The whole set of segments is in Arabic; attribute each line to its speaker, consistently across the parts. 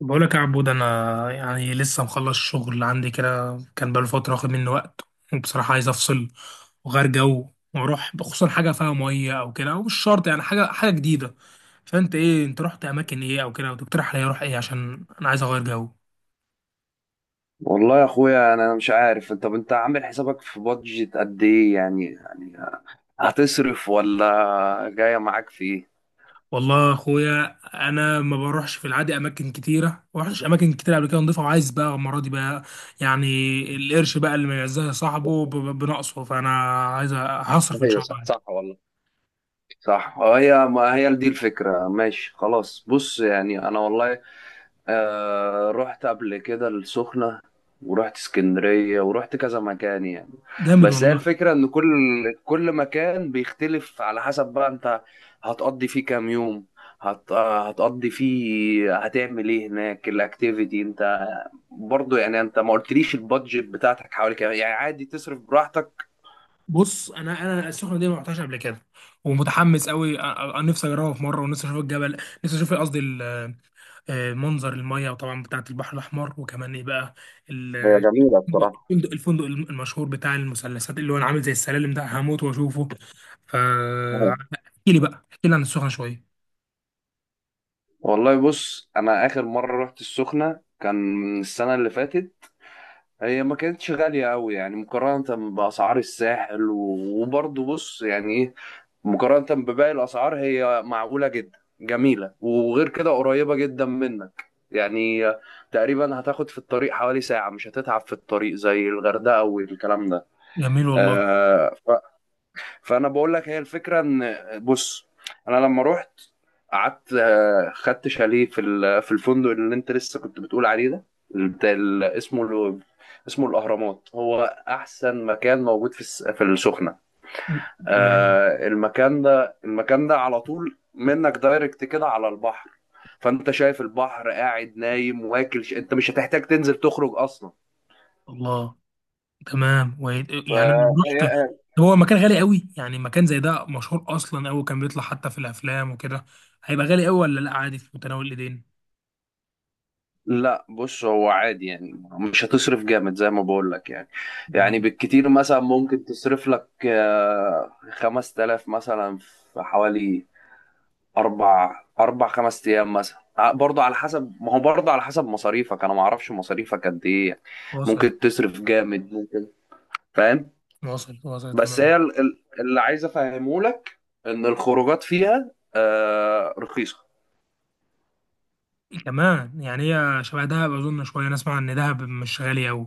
Speaker 1: بقولك يا عبود، انا يعني لسه مخلص شغل عندي كده، كان بقاله فتره واخد مني وقت. وبصراحه عايز افصل وغير جو واروح، خصوصا حاجه فيها ميه او كده، او مش شرط يعني حاجه جديده. فانت ايه، انت رحت اماكن ايه او كده وتقترح عليا اروح ايه؟ عشان انا عايز اغير جو.
Speaker 2: والله يا اخويا انا مش عارف. طب انت عامل حسابك في بادجت قد ايه؟ يعني هتصرف ولا جايه معاك في ايه؟
Speaker 1: والله يا اخويا، انا ما بروحش في العادي اماكن كتيره، ما رحتش اماكن كتيره قبل كده نضيفه، وعايز بقى المره دي بقى يعني القرش بقى اللي ما يعزها صاحبه بنقصه، فانا عايز هصرف ان
Speaker 2: ايوه
Speaker 1: شاء
Speaker 2: صح
Speaker 1: الله.
Speaker 2: صح والله صح. هي ما هي دي الفكره. ماشي خلاص، بص يعني انا والله رحت قبل كده السخنة، ورحت اسكندرية، ورحت كذا مكان يعني.
Speaker 1: جامد
Speaker 2: بس هي
Speaker 1: والله.
Speaker 2: الفكرة ان كل مكان بيختلف على حسب بقى انت هتقضي فيه كام يوم، هتقضي فيه هتعمل ايه هناك، الاكتيفيتي. انت برضو يعني انت ما قلتليش البادجت بتاعتك حوالي كام؟ يعني عادي تصرف براحتك.
Speaker 1: بص انا السخنه دي ما رحتهاش قبل كده، ومتحمس قوي، نفسي اجربها في مره، ونفسي اشوف الجبل، نفسي اشوف قصدي آه، منظر الميه، وطبعا بتاعه البحر الاحمر، وكمان ايه بقى ال-
Speaker 2: هي جميلة بصراحة.
Speaker 1: الفندق، الفندق المشهور بتاع المثلثات اللي هو أنا عامل زي السلالم ده، هموت واشوفه. ف احكي لي بقى، احكي لي عن السخنه شويه.
Speaker 2: والله بص، انا اخر مرة رحت السخنة كان السنة اللي فاتت. هي ما كانتش غالية أوي يعني مقارنة بأسعار الساحل وبرضه بص يعني إيه، مقارنة بباقي الأسعار هي معقولة جدا، جميلة، وغير كده قريبة جدا منك يعني. تقريبا هتاخد في الطريق حوالي ساعة، مش هتتعب في الطريق زي الغردقة والكلام ده.
Speaker 1: جميل والله.
Speaker 2: آه. فانا بقول لك هي الفكره ان بص، انا لما رحت قعدت خدت شاليه في في الفندق اللي انت لسه كنت بتقول عليه ده، بتاع اسمه اسمه الاهرامات. هو احسن مكان موجود في في السخنه.
Speaker 1: تمام.
Speaker 2: المكان ده، المكان ده على طول منك دايركت كده على البحر. فانت شايف البحر، قاعد نايم واكل انت مش هتحتاج تنزل تخرج اصلا.
Speaker 1: الله. تمام، و... يعني انا لو رحت،
Speaker 2: فهي.
Speaker 1: هو مكان غالي قوي يعني؟ مكان زي ده مشهور اصلا قوي، كان بيطلع حتى في الافلام وكده. هيبقى غالي قوي ولا لا، عادي في متناول الايدين؟
Speaker 2: لا بص، هو عادي يعني مش هتصرف جامد زي ما بقول لك يعني. يعني
Speaker 1: تمام،
Speaker 2: بالكتير مثلا ممكن تصرف لك خمس تلاف مثلا في حوالي أربع خمس أيام مثلا، برضه على حسب، ما هو برضه على حسب مصاريفك، أنا ما أعرفش مصاريفك قد إيه يعني.
Speaker 1: واصل.
Speaker 2: ممكن تصرف جامد، ممكن. فاهم.
Speaker 1: واصل واصل،
Speaker 2: بس
Speaker 1: تمام.
Speaker 2: هي اللي عايز أفهمه لك إن الخروجات فيها رخيصة.
Speaker 1: كمان يعني هي شبه دهب اظن شويه، انا اسمع ان دهب مش غالي قوي.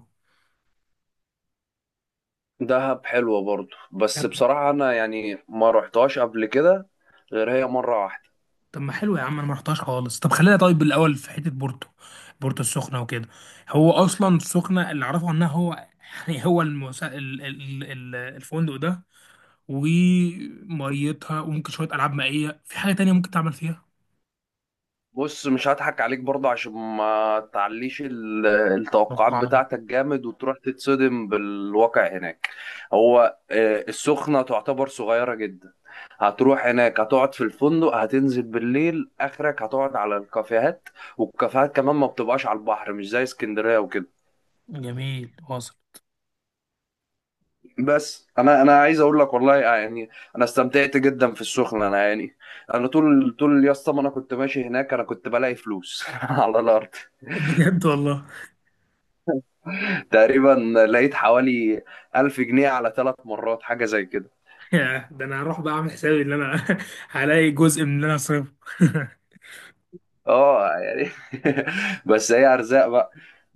Speaker 2: دهب حلوة برضو، بس
Speaker 1: طب.
Speaker 2: بصراحة أنا يعني ما رحتهاش قبل كده غير هي مرة واحدة.
Speaker 1: طب ما حلو يا عم، انا ما رحتهاش خالص. طب خلينا طيب الاول في حته بورتو، بورتو السخنه وكده. هو اصلا السخنه اللي اعرفه عنها هو يعني هو المسا... ال... ال... ال- الفندق ده، وميتها، وممكن شوية ألعاب مائية، في حاجة تانية ممكن تعمل فيها؟
Speaker 2: بص مش هضحك عليك برضو عشان ما تعليش التوقعات
Speaker 1: توقع.
Speaker 2: بتاعتك جامد وتروح تتصدم بالواقع هناك. هو السخنة تعتبر صغيرة جدا. هتروح هناك هتقعد في الفندق، هتنزل بالليل آخرك هتقعد على الكافيهات، والكافيهات كمان ما بتبقاش على البحر، مش زي اسكندرية وكده.
Speaker 1: جميل، واصل.
Speaker 2: بس انا عايز اقول لك والله يعني انا استمتعت جدا في السخنه. انا يعني انا طول يا اسطى ما انا كنت ماشي هناك انا كنت بلاقي فلوس على الارض.
Speaker 1: بجد والله.
Speaker 2: تقريبا لقيت حوالي 1000 جنيه على ثلاث مرات، حاجه زي كده.
Speaker 1: يا ده، انا هروح بقى اعمل حسابي ان انا هلاقي جزء من اللي انا صرفه
Speaker 2: اه يعني بس هي ارزاق بقى.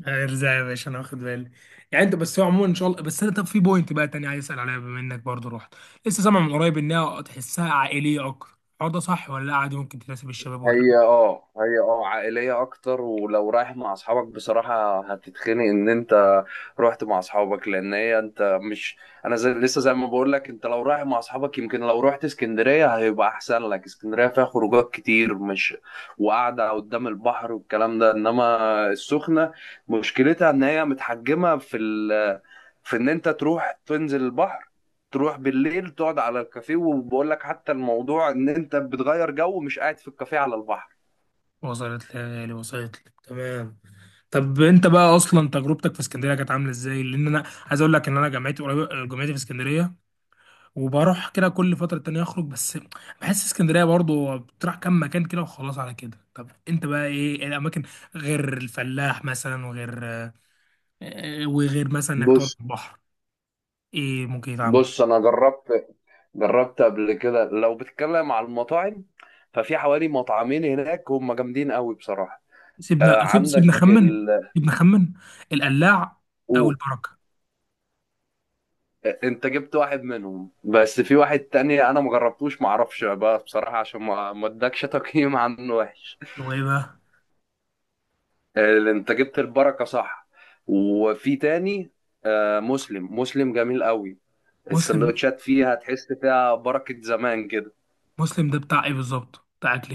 Speaker 1: ارزع يا باشا، انا واخد بالي. يعني انت بس هو عموما ان شاء الله، بس انا طب في بوينت بقى تاني عايز اسال عليها بما انك برضو رحت. لسه سامع من قريب انها تحسها عائليه اكتر، الحوار ده صح ولا لا، عادي ممكن تناسب الشباب
Speaker 2: هي عائلية أكتر، ولو رايح مع أصحابك بصراحة هتتخنق. إن أنت رحت مع أصحابك لأن هي أنت مش، أنا زي لسه زي ما بقول لك، أنت لو رايح مع أصحابك يمكن لو رحت اسكندرية هيبقى أحسن لك. اسكندرية فيها خروجات كتير، مش وقعدة قدام البحر والكلام ده. إنما السخنة مشكلتها إن هي متحجمة في في إن أنت تروح تنزل البحر، تروح بالليل تقعد على الكافيه، وبقول لك حتى الموضوع ان انت بتغير جو، مش قاعد في الكافيه على البحر.
Speaker 1: وصلت لي، وصلت لي تمام. طب انت بقى اصلا تجربتك في اسكندريه كانت عامله ازاي؟ لان انا عايز اقول لك ان انا جامعتي قريبه، جامعتي في اسكندريه وبروح كده كل فتره تانية اخرج، بس بحس اسكندريه برضو بتروح كام مكان كده وخلاص على كده. طب انت بقى ايه، ايه الاماكن غير الفلاح مثلا، وغير وغير مثلا انك تقعد
Speaker 2: بص.
Speaker 1: على البحر، ايه ممكن يتعمل؟
Speaker 2: بص انا جربت قبل كده، لو بتتكلم على المطاعم، ففي حوالي مطعمين هناك هم جامدين قوي بصراحة. آه
Speaker 1: سيبنا
Speaker 2: عندك
Speaker 1: خمن.
Speaker 2: ال.
Speaker 1: سيبنا خمن. القلاع او
Speaker 2: أوه.
Speaker 1: البركه.
Speaker 2: آه، انت جبت واحد منهم، بس في واحد تاني انا مجربتوش، معرفش بقى بصراحة عشان ما ادكش تقييم عنه وحش.
Speaker 1: هو ايه بقى؟
Speaker 2: آه، انت جبت البركة صح، وفي تاني، آه، مسلم جميل قوي.
Speaker 1: مسلم.
Speaker 2: السندوتشات فيها تحس فيها بركة زمان كده.
Speaker 1: مسلم ده بتاع ايه بالظبط، بتاع اكل؟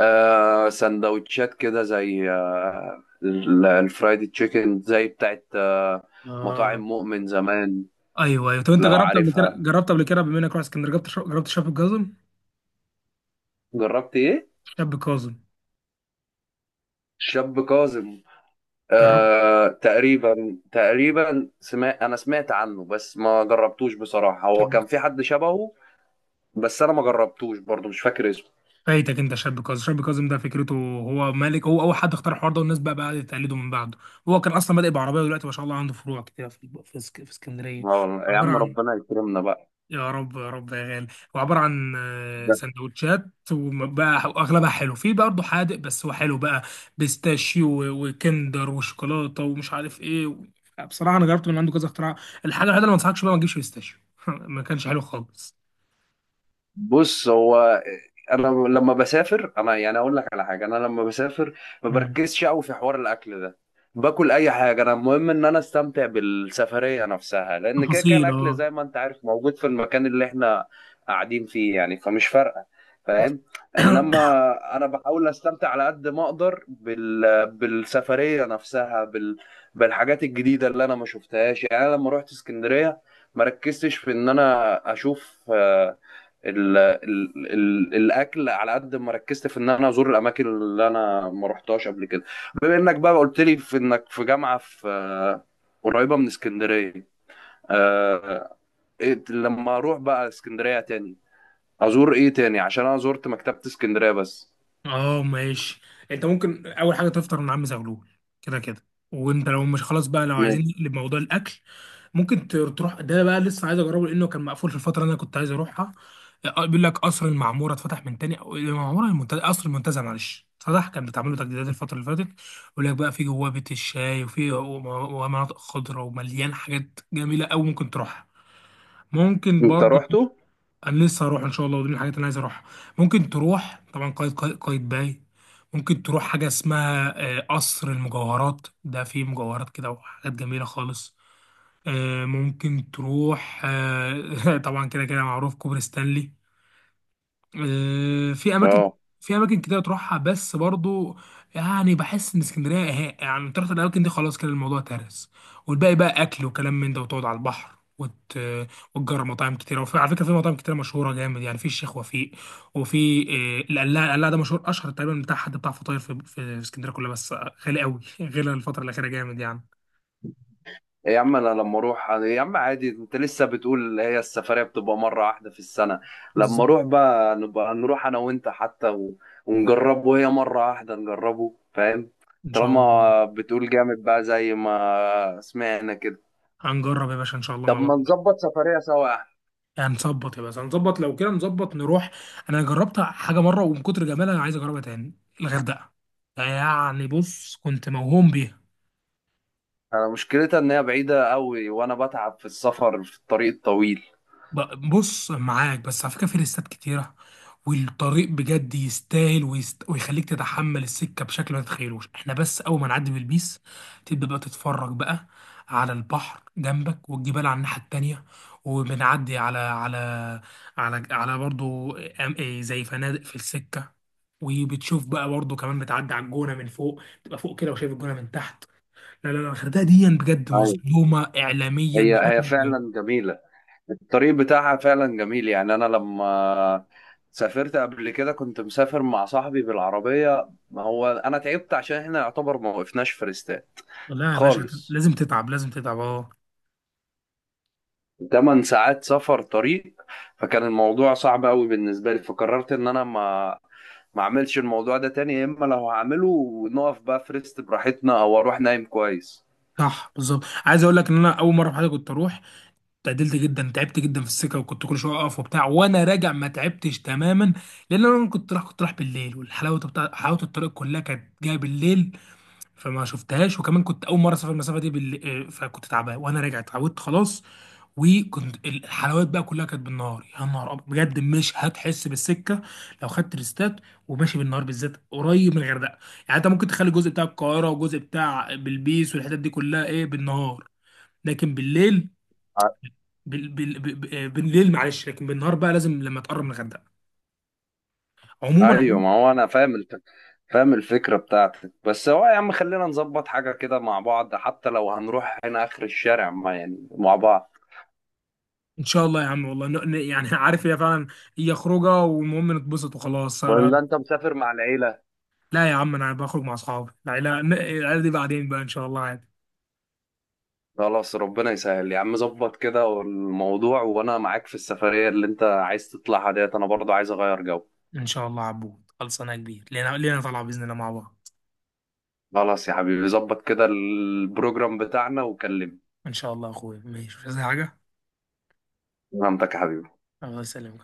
Speaker 2: آه سندوتشات كده زي آه الفرايدي تشيكن زي بتاعت آه مطاعم
Speaker 1: ايه.
Speaker 2: مؤمن زمان
Speaker 1: ايوه ايوه. طب انت
Speaker 2: لو
Speaker 1: جربت قبل كده،
Speaker 2: عارفها.
Speaker 1: جربت قبل كده بما انك رحت اسكندريه، جربت جربت شاب كاظم؟
Speaker 2: جربت ايه؟
Speaker 1: شاب كاظم.
Speaker 2: شاب كاظم.
Speaker 1: جربت
Speaker 2: آه تقريبا سمعت، انا سمعت عنه بس ما جربتوش بصراحة. هو
Speaker 1: شاب.
Speaker 2: كان في حد شبهه، بس انا ما جربتوش برضه، مش فاكر اسمه.
Speaker 1: فايتك انت، شاب كاظم، شاب كاظم ده فكرته هو مالك، هو اول حد اختار الحوار ده، والناس بقى تقلده من بعده. هو كان اصلا بادئ بعربيه، ودلوقتي ما شاء الله عنده فروع كتير في اسكندريه.
Speaker 2: آه، يا
Speaker 1: عباره
Speaker 2: عم
Speaker 1: عن،
Speaker 2: ربنا يكرمنا بقى.
Speaker 1: يا رب يا رب يا غالي. هو عبارة عن آه، سندوتشات، وبقى واغلبها حلو، في برضه حادق، بس هو حلو بقى، بيستاشيو وكندر وشوكولاتة ومش عارف ايه و... بصراحة انا جربت من عنده كذا اختراع. الحاجة الوحيدة اللي ما انصحكش بقى ما تجيبش بيستاشيو، ما كانش حلو خالص.
Speaker 2: بص هو، انا لما بسافر انا يعني اقول لك على حاجه، انا لما بسافر ما
Speaker 1: مم.
Speaker 2: بركزش قوي في حوار الاكل ده. باكل اي حاجه، انا المهم ان انا استمتع بالسفريه نفسها، لان كده كده
Speaker 1: تفاصيل
Speaker 2: الاكل
Speaker 1: اه.
Speaker 2: زي ما انت عارف موجود في المكان اللي احنا قاعدين فيه يعني، فمش فارقه. فاهم. انما انا بحاول استمتع على قد ما اقدر بالسفريه نفسها، بالحاجات الجديده اللي انا ما شفتهاش. يعني انا لما رحت اسكندريه ما ركزتش في ان انا اشوف ال ال ال الاكل على قد ما ركزت في ان انا ازور الاماكن اللي انا ما رحتهاش قبل كده. بما انك بقى قلت لي في انك في جامعه في قريبه من اسكندريه، آه، لما اروح بقى اسكندريه تاني ازور ايه تاني؟ عشان انا زرت مكتبه اسكندريه بس.
Speaker 1: اه ماشي. انت ممكن اول حاجة تفطر من عم زغلول، كده كده. وانت لو مش خلاص بقى، لو
Speaker 2: م-
Speaker 1: عايزين نقلب موضوع الاكل، ممكن تروح ده بقى، لسه عايز اجربه لانه كان مقفول في الفتره اللي انا كنت عايز اروحها. آه، آه، بيقول لك قصر المعموره اتفتح من تاني، او المعموره المنتزه، قصر المنتزه معلش، اتفتح، كان بتعمل له تجديدات الفتره اللي فاتت. بيقول لك بقى في جواه بيت الشاي، وفي ومناطق خضراء، ومليان حاجات جميله قوي ممكن تروحها. ممكن
Speaker 2: انت
Speaker 1: برضو،
Speaker 2: رحته؟
Speaker 1: انا لسه هروح ان شاء الله، ودي من الحاجات اللي انا عايز اروحها. ممكن تروح طبعا قايد باي. ممكن تروح حاجه اسمها آه، قصر المجوهرات، ده فيه مجوهرات كده وحاجات جميله خالص. آه، ممكن تروح آه، طبعا كده كده معروف كوبري ستانلي. آه، في اماكن،
Speaker 2: اه.
Speaker 1: في اماكن كتير تروحها، بس برضو يعني بحس ان اسكندريه إيه، يعني تروح الاماكن دي خلاص كده الموضوع ترس. والباقي بقى اكل وكلام من ده، وتقعد على البحر وت... وتجرب مطاعم كتيره. وفي على فكره في مطاعم كتيره مشهوره جامد يعني، في الشيخ وفيق، وفي آه، القلاع، القلاع ده مشهور، اشهر تقريبا بتاع حد بتاع فطاير في اسكندريه كلها، بس غالي قوي غير الفتره الاخيره جامد يعني.
Speaker 2: إيه يا عم انا لما اروح يا عم عادي، انت لسه بتقول هي السفريه بتبقى مره واحده في السنه. لما
Speaker 1: بالظبط.
Speaker 2: اروح بقى نبقى نروح انا وانت حتى و... ونجربه. هي مره واحده نجربه، فاهم.
Speaker 1: ان شاء الله.
Speaker 2: طالما بتقول جامد بقى زي ما سمعنا كده.
Speaker 1: هنجرب يا باشا ان شاء الله
Speaker 2: طب
Speaker 1: مع بعض.
Speaker 2: ما نظبط سفريه سوا يا احمد.
Speaker 1: يعني هنظبط يا باشا، هنظبط لو كده، نظبط نروح. انا جربت حاجه مره ومن كتر جمالها انا عايز اجربها تاني، الغردقه. يعني بص كنت موهوم بيها.
Speaker 2: انا مشكلتها ان هي بعيده قوي، وانا بتعب في السفر في الطريق الطويل.
Speaker 1: بص معاك، بس على فكره في ليستات كتيره، والطريق بجد يستاهل، ويست... ويخليك تتحمل السكه بشكل ما تتخيلوش. احنا بس اول ما نعدي بالبيس تبدا بقى تتفرج بقى على البحر جنبك، والجبال على الناحيه التانيه، وبنعدي على برضو إيه زي فنادق في السكه، وبتشوف بقى برضو كمان بتعدي على الجونه من فوق، تبقى فوق كده وشايف الجونه من تحت. لا، الغردقه دي بجد
Speaker 2: أيوة.
Speaker 1: مظلومه اعلاميا
Speaker 2: هي
Speaker 1: بشكل.
Speaker 2: فعلا جميله، الطريق بتاعها فعلا جميل. يعني انا لما سافرت قبل كده كنت مسافر مع صاحبي بالعربية، ما هو انا تعبت عشان احنا يعتبر ما وقفناش في ريستات
Speaker 1: لا يا باشا
Speaker 2: خالص.
Speaker 1: لازم تتعب، لازم تتعب اه.
Speaker 2: 8 ساعات سفر طريق. فكان الموضوع صعب قوي بالنسبة لي، فقررت ان انا ما اعملش الموضوع ده تاني، يا اما لو هعمله نقف بقى في ريست براحتنا، او اروح نايم كويس.
Speaker 1: صح، بالظبط. عايز اقول لك ان انا اول مره في حياتي كنت اروح اتعدلت جدا، تعبت جدا في السكه وكنت كل شويه اقف وبتاع، وانا راجع ما تعبتش تماما، لان انا كنت رايح بالليل، والحلاوه حلاوه الطريق كلها كانت جايه بالليل فما شفتهاش، وكمان كنت اول مره اسافر المسافه دي بالليل، فكنت تعبان، وانا راجع اتعودت خلاص، وكنت الحلويات بقى كلها كانت بالنهار، يا نهار أبيض. بجد مش هتحس بالسكه لو خدت ريستات وماشي بالنهار، بالذات قريب من الغردقه. يعني انت ممكن تخلي الجزء بتاع القاهره، وجزء بتاع بلبيس، والحتت دي كلها ايه بالنهار، لكن بالليل بالليل معلش، لكن بالنهار بقى لازم لما تقرب من الغردقه. عموما،
Speaker 2: ايوه
Speaker 1: عموما
Speaker 2: ما هو انا فاهم الفكره بتاعتك. بس هو يا عم خلينا نظبط حاجه كده مع بعض، حتى لو هنروح هنا اخر الشارع، ما يعني مع بعض.
Speaker 1: ان شاء الله يا عم والله، يعني عارف هي فعلا، هي خروجه والمهم نتبسط وخلاص.
Speaker 2: ولا انت مسافر مع العيله؟
Speaker 1: لا يا عم، انا بخرج مع اصحابي، لا لا العيله دي بعدين بقى ان شاء الله عادي.
Speaker 2: خلاص ربنا يسهل يا عم، ظبط كده الموضوع وانا معاك في السفريه اللي انت عايز تطلعها ديت انا برضو عايز اغير جو.
Speaker 1: ان شاء الله عبود، خلصانه يا كبير، لينا، لينا طالعه باذن الله مع بعض.
Speaker 2: خلاص يا حبيبي ظبط كده البروجرام بتاعنا وكلمني.
Speaker 1: ان شاء الله يا اخويا، ماشي، مش عايز حاجه.
Speaker 2: فهمتك يا حبيبي.
Speaker 1: الله يسلمك.